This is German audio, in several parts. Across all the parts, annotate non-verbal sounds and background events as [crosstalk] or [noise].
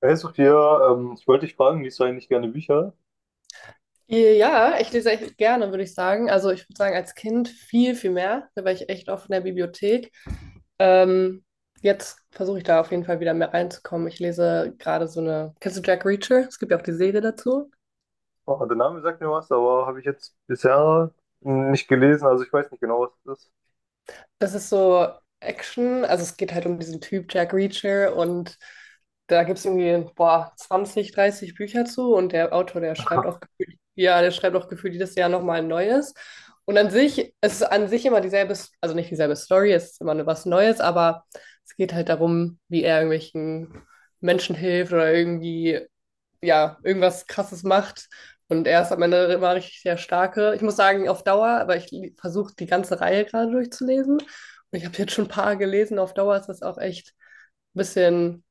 Hey Sophia, ich wollte dich fragen, liest du eigentlich gerne Bücher? Ja, ich lese echt gerne, würde ich sagen. Also ich würde sagen, als Kind viel, viel mehr. Da war ich echt oft in der Bibliothek. Ähm, Jetzt versuche ich da auf jeden Fall wieder mehr reinzukommen. Ich lese gerade so eine. Kennst du Jack Reacher? Es gibt ja auch die Serie dazu. Oh, der Name sagt mir was, aber habe ich jetzt bisher nicht gelesen, also ich weiß nicht genau, was das ist. Das ist so Action, also es geht halt um diesen Typ Jack Reacher, und da gibt es irgendwie, boah, 20, 30 Bücher zu, und der Autor, der schreibt auch [laughs] gefühlt, ja, der schreibt auch gefühlt jedes Jahr nochmal ein neues. Und an sich, es ist an sich immer dieselbe, also nicht dieselbe Story, es ist immer nur was Neues, aber es geht halt darum, wie er irgendwelchen Menschen hilft oder irgendwie, ja, irgendwas Krasses macht. Und er ist am Ende immer richtig der Starke. Ich muss sagen, auf Dauer, aber versuche die ganze Reihe gerade durchzulesen. Und ich habe jetzt schon ein paar gelesen. Auf Dauer ist das auch echt ein bisschen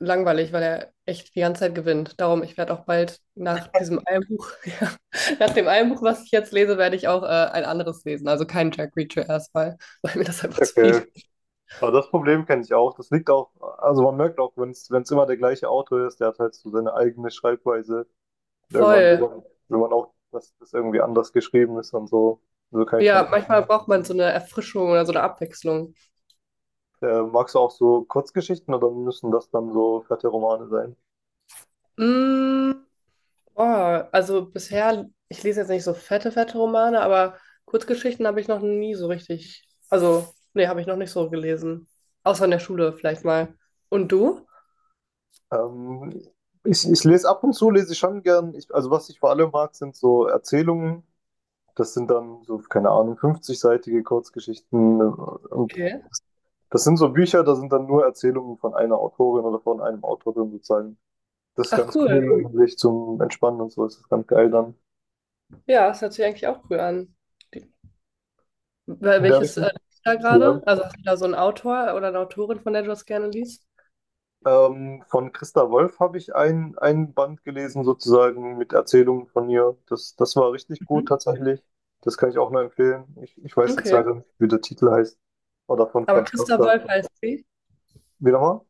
langweilig, weil er echt die ganze Zeit gewinnt. Darum, ich werde auch bald nach diesem einen Buch, [laughs] ja, nach dem einen Buch, was ich jetzt lese, werde ich auch ein anderes lesen. Also kein Jack Reacher erstmal, [laughs] weil mir das einfach zu viel Okay. ist. Aber das Problem kenne ich auch. Das liegt auch, also man merkt auch, wenn es immer der gleiche Autor ist, der hat halt so seine eigene Schreibweise. Und Voll. Will man auch, dass das irgendwie anders geschrieben ist und so. So kann ich schon. Ja, manchmal braucht man so eine Erfrischung oder so eine Abwechslung. Magst du auch so Kurzgeschichten oder müssen das dann so fette Romane sein? Mm, Oh, also bisher, ich lese jetzt nicht so fette, fette Romane, aber Kurzgeschichten habe ich noch nie so richtig. Also, nee, habe ich noch nicht so gelesen. Außer in der Schule vielleicht mal. Und du? Ähm, ich lese ab und zu, lese ich schon gern. Ich, also was ich vor allem mag, sind so Erzählungen. Das sind dann so, keine Ahnung, 50-seitige Kurzgeschichten. Und Okay. das sind so Bücher, da sind dann nur Erzählungen von einer Autorin oder von einem Autor drin sozusagen. Das ist Ach, ganz cool. cool, eigentlich zum Entspannen und so. Das ist ganz geil dann. Ja, das hört sich eigentlich auch cool an. Die, In der welches Richtung. liest du da Ja. gerade? Also hast du da so einen Autor oder eine Autorin, von der du das gerne liest? Von Christa Wolf habe ich ein Band gelesen, sozusagen mit Erzählungen von ihr. Das war richtig gut Mhm. tatsächlich. Das kann ich auch nur empfehlen. Ich weiß jetzt Okay. leider nicht, wie der Titel heißt. Oder von Aber Franz Christa Kafka. Wolf heißt sie. Wie nochmal?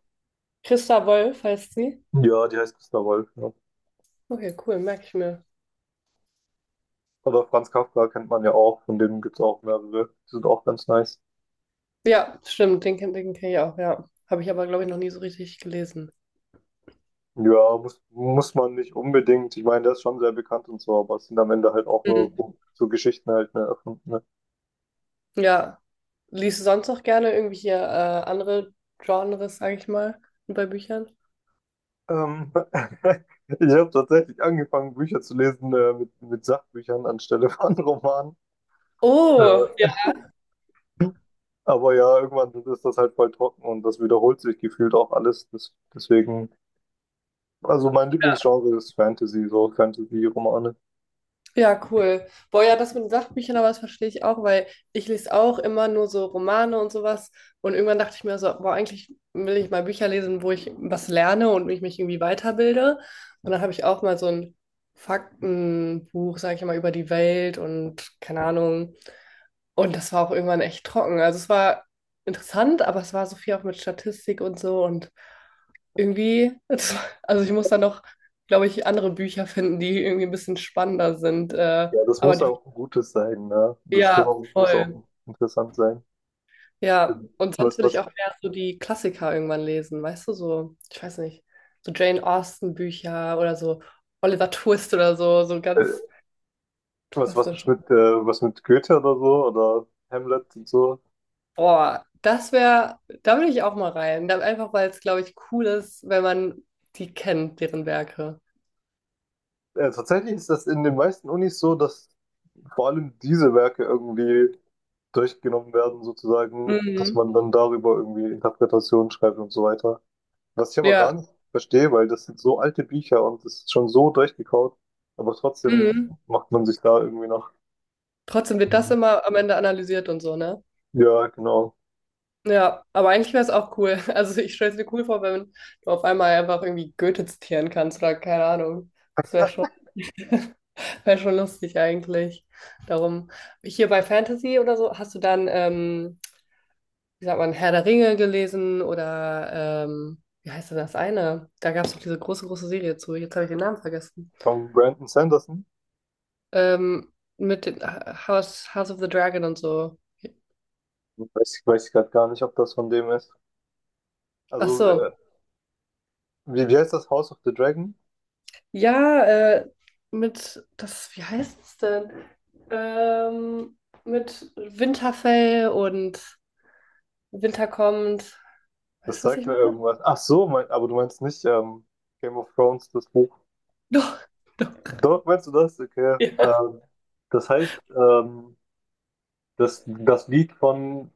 Christa Wolf heißt sie. Ja, die heißt Christa Wolf. Ja. Okay, cool, merke ich mir. Oder Franz Kafka kennt man ja auch. Von dem gibt es auch mehrere. Die sind auch ganz nice. Ja, stimmt, den, den kenne ich auch, ja. Habe ich aber, glaube ich, noch nie so richtig gelesen. Ja, muss man nicht unbedingt. Ich meine, der ist schon sehr bekannt und so, aber es sind am Ende halt auch nur Mhm. so Geschichten halt, ne, erfunden. Ja, liest du sonst noch gerne irgendwelche andere Genres, sag ich mal, bei Büchern? Ähm, [laughs] ich habe tatsächlich angefangen, Bücher zu lesen mit Sachbüchern anstelle von [laughs] Romanen. Oh, ja. Äh, aber ja, irgendwann ist das halt voll trocken und das wiederholt sich gefühlt auch alles. Deswegen, also mein Lieblingsgenre ist Fantasy, so Fantasy-Romane. Ja, cool. Boah, ja, das mit den Sachbüchern, aber das verstehe ich auch, weil ich lese auch immer nur so Romane und sowas. Und irgendwann dachte ich mir so, boah, eigentlich will ich mal Bücher lesen, wo ich was lerne und ich mich irgendwie weiterbilde. Und dann habe ich auch mal so ein Faktenbuch, sage ich mal, über die Welt und keine Ahnung. Und das war auch irgendwann echt trocken. Also es war interessant, aber es war so viel auch mit Statistik und so. Und irgendwie, [laughs] also ich muss da noch, glaube ich, andere Bücher finden, die irgendwie ein bisschen spannender sind. Ja, das Aber muss die, auch ein gutes sein, ne? Das Thema ja, muss auch voll. interessant sein. Ja, und sonst Was, würde ich was, auch mehr so die Klassiker irgendwann lesen, weißt du, so, ich weiß nicht, so Jane Austen-Bücher oder so Oliver Twist oder so, so äh, ganz was jetzt klassisch. mit, was mit Goethe oder so oder Hamlet und so. Boah, das wäre, da würde ich auch mal rein. Da, einfach weil es, glaube ich, cool ist, wenn man die kennt, deren Werke. Tatsächlich ist das in den meisten Unis so, dass vor allem diese Werke irgendwie durchgenommen werden, sozusagen, dass Mhm. man dann darüber irgendwie Interpretationen schreibt und so weiter. Was ich aber gar Ja, nicht verstehe, weil das sind so alte Bücher und das ist schon so durchgekaut, aber trotzdem mhm. macht man sich da irgendwie noch. Trotzdem wird das immer am Ende analysiert und so, ne? Ja, genau. Ja, aber eigentlich wäre es auch cool. [laughs] Also ich stelle es mir cool vor, wenn du auf einmal einfach irgendwie Goethe zitieren kannst oder keine Ahnung. Das wäre schon, [laughs] wär schon lustig eigentlich. Darum, hier bei Fantasy oder so, hast du dann, wie sagt man, Herr der Ringe gelesen oder wie heißt denn das eine? Da gab es doch diese große, große Serie zu. Jetzt habe ich den Namen vergessen. Von Brandon Sanderson. Ähm, mit dem House, House of the Dragon und so. Weiß ich gerade gar nicht, ob das von dem ist. Ach Also, so, wie heißt das House of the Dragon? ja, mit, das, wie heißt es denn? Ähm, mit Winterfell und Winter kommt. Das Weißt du, was ich sagt mir meine? [laughs] irgendwas. Ach so, mein, aber du meinst nicht Game of Thrones, das Buch. Doch, doch. Doch, meinst du das? Okay. Ja. Das heißt, das Lied von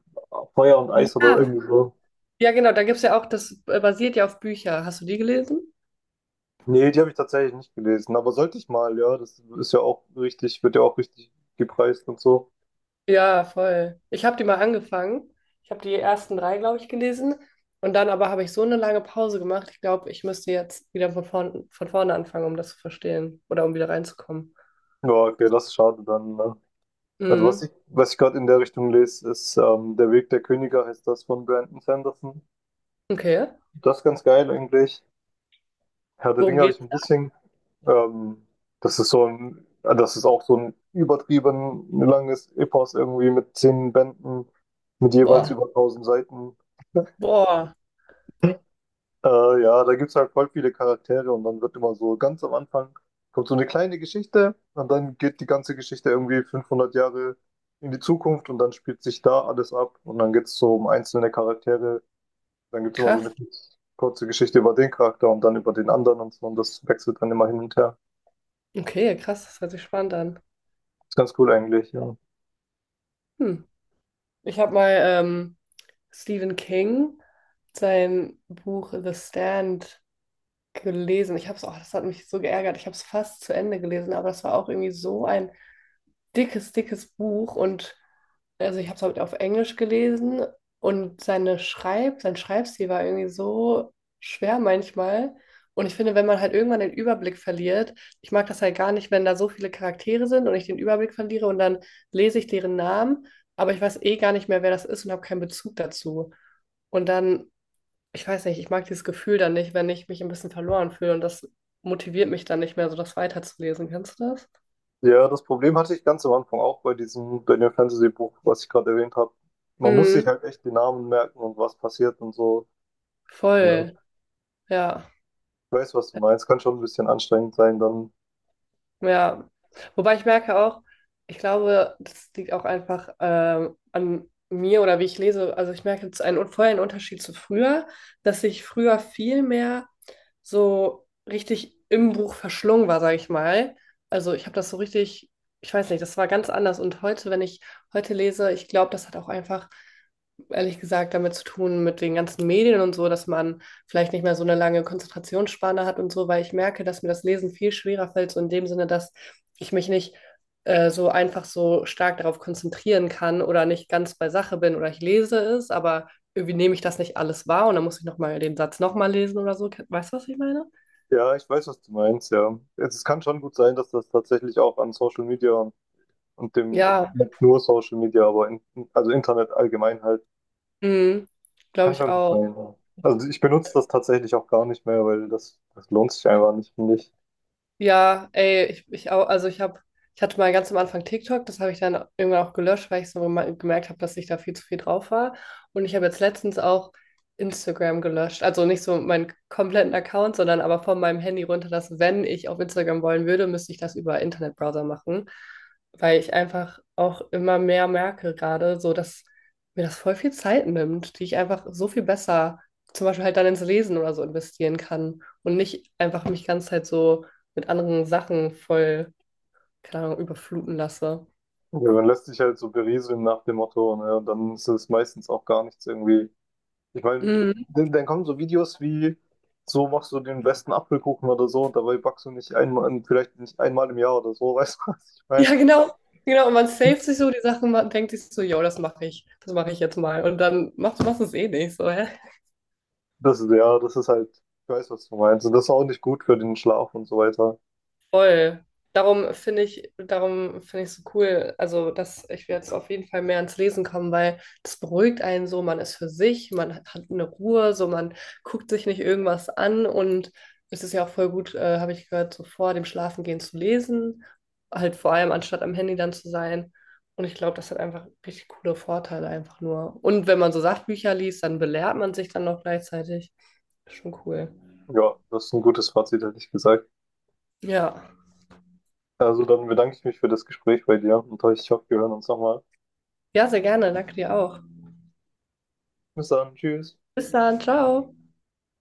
Feuer und Eis oder Ja, irgendwie so. ja, genau, da gibt es ja auch, das basiert ja auf Bücher. Hast du die gelesen? Nee, die habe ich tatsächlich nicht gelesen, aber sollte ich mal, ja, das ist ja auch richtig, wird ja auch richtig gepreist und so. Ja, voll. Ich habe die mal angefangen. Ich habe die ersten drei, glaube ich, gelesen. Und dann aber habe ich so eine lange Pause gemacht. Ich glaube, ich müsste jetzt wieder von vorne anfangen, um das zu verstehen oder um wieder reinzukommen. Ja, okay, das ist schade dann. Ne? Also Mhm. Was ich gerade in der Richtung lese, ist Der Weg der Könige heißt das von Brandon Sanderson. Okay. Das ist ganz geil eigentlich. Herr der Worum Ringe habe ich geht's? ein bisschen. Ähm, das ist so ein, das ist auch so ein übertrieben langes Epos irgendwie mit 10 Bänden, mit jeweils Boah, über 1.000 Seiten. boah, ja, da gibt es halt voll viele Charaktere und dann wird immer so ganz am Anfang kommt so eine kleine Geschichte und dann geht die ganze Geschichte irgendwie 500 Jahre in die Zukunft und dann spielt sich da alles ab und dann geht es so um einzelne Charaktere. Dann gibt es immer so krass. eine kurze Geschichte über den Charakter und dann über den anderen und so und das wechselt dann immer hin und her. Okay, krass, das hört sich spannend an. Ist ganz cool eigentlich, ja. Hm. Ich habe mal Stephen King, sein Buch The Stand gelesen. Ich habe es, oh, das hat mich so geärgert. Ich habe es fast zu Ende gelesen, aber das war auch irgendwie so ein dickes, dickes Buch. Und also ich habe es halt auf Englisch gelesen und seine sein Schreibstil war irgendwie so schwer manchmal. Und ich finde, wenn man halt irgendwann den Überblick verliert, ich mag das halt gar nicht, wenn da so viele Charaktere sind und ich den Überblick verliere und dann lese ich deren Namen, aber ich weiß eh gar nicht mehr, wer das ist und habe keinen Bezug dazu. Und dann, ich weiß nicht, ich mag dieses Gefühl dann nicht, wenn ich mich ein bisschen verloren fühle und das motiviert mich dann nicht mehr, so das weiterzulesen. Kennst du das? Ja, das Problem hatte ich ganz am Anfang auch bei diesem Daniel Fantasy Buch, was ich gerade erwähnt habe. Man muss sich Mhm, halt echt die Namen merken und was passiert und so. Ja. Ich voll, ja. weiß, was du meinst. Kann schon ein bisschen anstrengend sein dann. Ja, wobei ich merke auch, ich glaube, das liegt auch einfach an mir oder wie ich lese. Also ich merke jetzt einen vorher einen Unterschied zu früher, dass ich früher viel mehr so richtig im Buch verschlungen war, sage ich mal. Also ich habe das so richtig, ich weiß nicht, das war ganz anders. Und heute, wenn ich heute lese, ich glaube, das hat auch einfach, ehrlich gesagt, damit zu tun mit den ganzen Medien und so, dass man vielleicht nicht mehr so eine lange Konzentrationsspanne hat und so, weil ich merke, dass mir das Lesen viel schwerer fällt, so in dem Sinne, dass ich mich nicht so einfach so stark darauf konzentrieren kann oder nicht ganz bei Sache bin oder ich lese es, aber irgendwie nehme ich das nicht alles wahr und dann muss ich nochmal den Satz nochmal lesen oder so. Weißt du, was ich meine? Ja, ich weiß, was du meinst, ja. Jetzt, es kann schon gut sein, dass das tatsächlich auch an Social Media und Ja, nicht nur Social Media, aber also Internet allgemein halt, mhm, glaube kann ich schon gut auch. sein. Ja. Also ich benutze das tatsächlich auch gar nicht mehr, weil das lohnt sich einfach nicht, finde ich. Ja, ey, ich auch, also ich hatte mal ganz am Anfang TikTok, das habe ich dann irgendwann auch gelöscht, weil ich so gemerkt habe, dass ich da viel zu viel drauf war. Und ich habe jetzt letztens auch Instagram gelöscht. Also nicht so meinen kompletten Account, sondern aber von meinem Handy runter, dass wenn ich auf Instagram wollen würde, müsste ich das über Internetbrowser machen. Weil ich einfach auch immer mehr merke gerade, so dass mir das voll viel Zeit nimmt, die ich einfach so viel besser zum Beispiel halt dann ins Lesen oder so investieren kann und nicht einfach mich ganz halt so mit anderen Sachen voll, keine Ahnung, überfluten lasse. Ja, man lässt sich halt so berieseln nach dem Motto, ne? Und dann ist es meistens auch gar nichts irgendwie. Ich meine, Mhm. [laughs] Dann kommen so Videos wie, so machst du den besten Apfelkuchen oder so und dabei backst du nicht einmal, vielleicht nicht einmal im Jahr oder so, [laughs] weißt du, was ich meine? Ja, genau. Genau, und man saved sich so die Sachen, man denkt sich so, yo, das mache ich jetzt mal. Und dann machst du es eh nicht, so, hä? Das ist halt, ich weiß, was du meinst. Und das ist auch nicht gut für den Schlaf und so weiter. Voll. Darum finde ich so cool, also dass ich will jetzt auf jeden Fall mehr ans Lesen kommen, weil das beruhigt einen so, man ist für sich, man hat eine Ruhe, so man guckt sich nicht irgendwas an und es ist ja auch voll gut, habe ich gehört, so vor dem Schlafengehen zu lesen, halt vor allem anstatt am Handy dann zu sein. Und ich glaube, das hat einfach richtig coole Vorteile einfach nur. Und wenn man so Sachbücher liest, dann belehrt man sich dann noch gleichzeitig. Schon cool. Ja, das ist ein gutes Fazit, hätte ich gesagt. Ja. Also dann bedanke ich mich für das Gespräch bei dir und ich hoffe, wir hören uns nochmal. Ja, sehr gerne. Danke dir auch. Bis dann, tschüss. Bis dann. Ciao.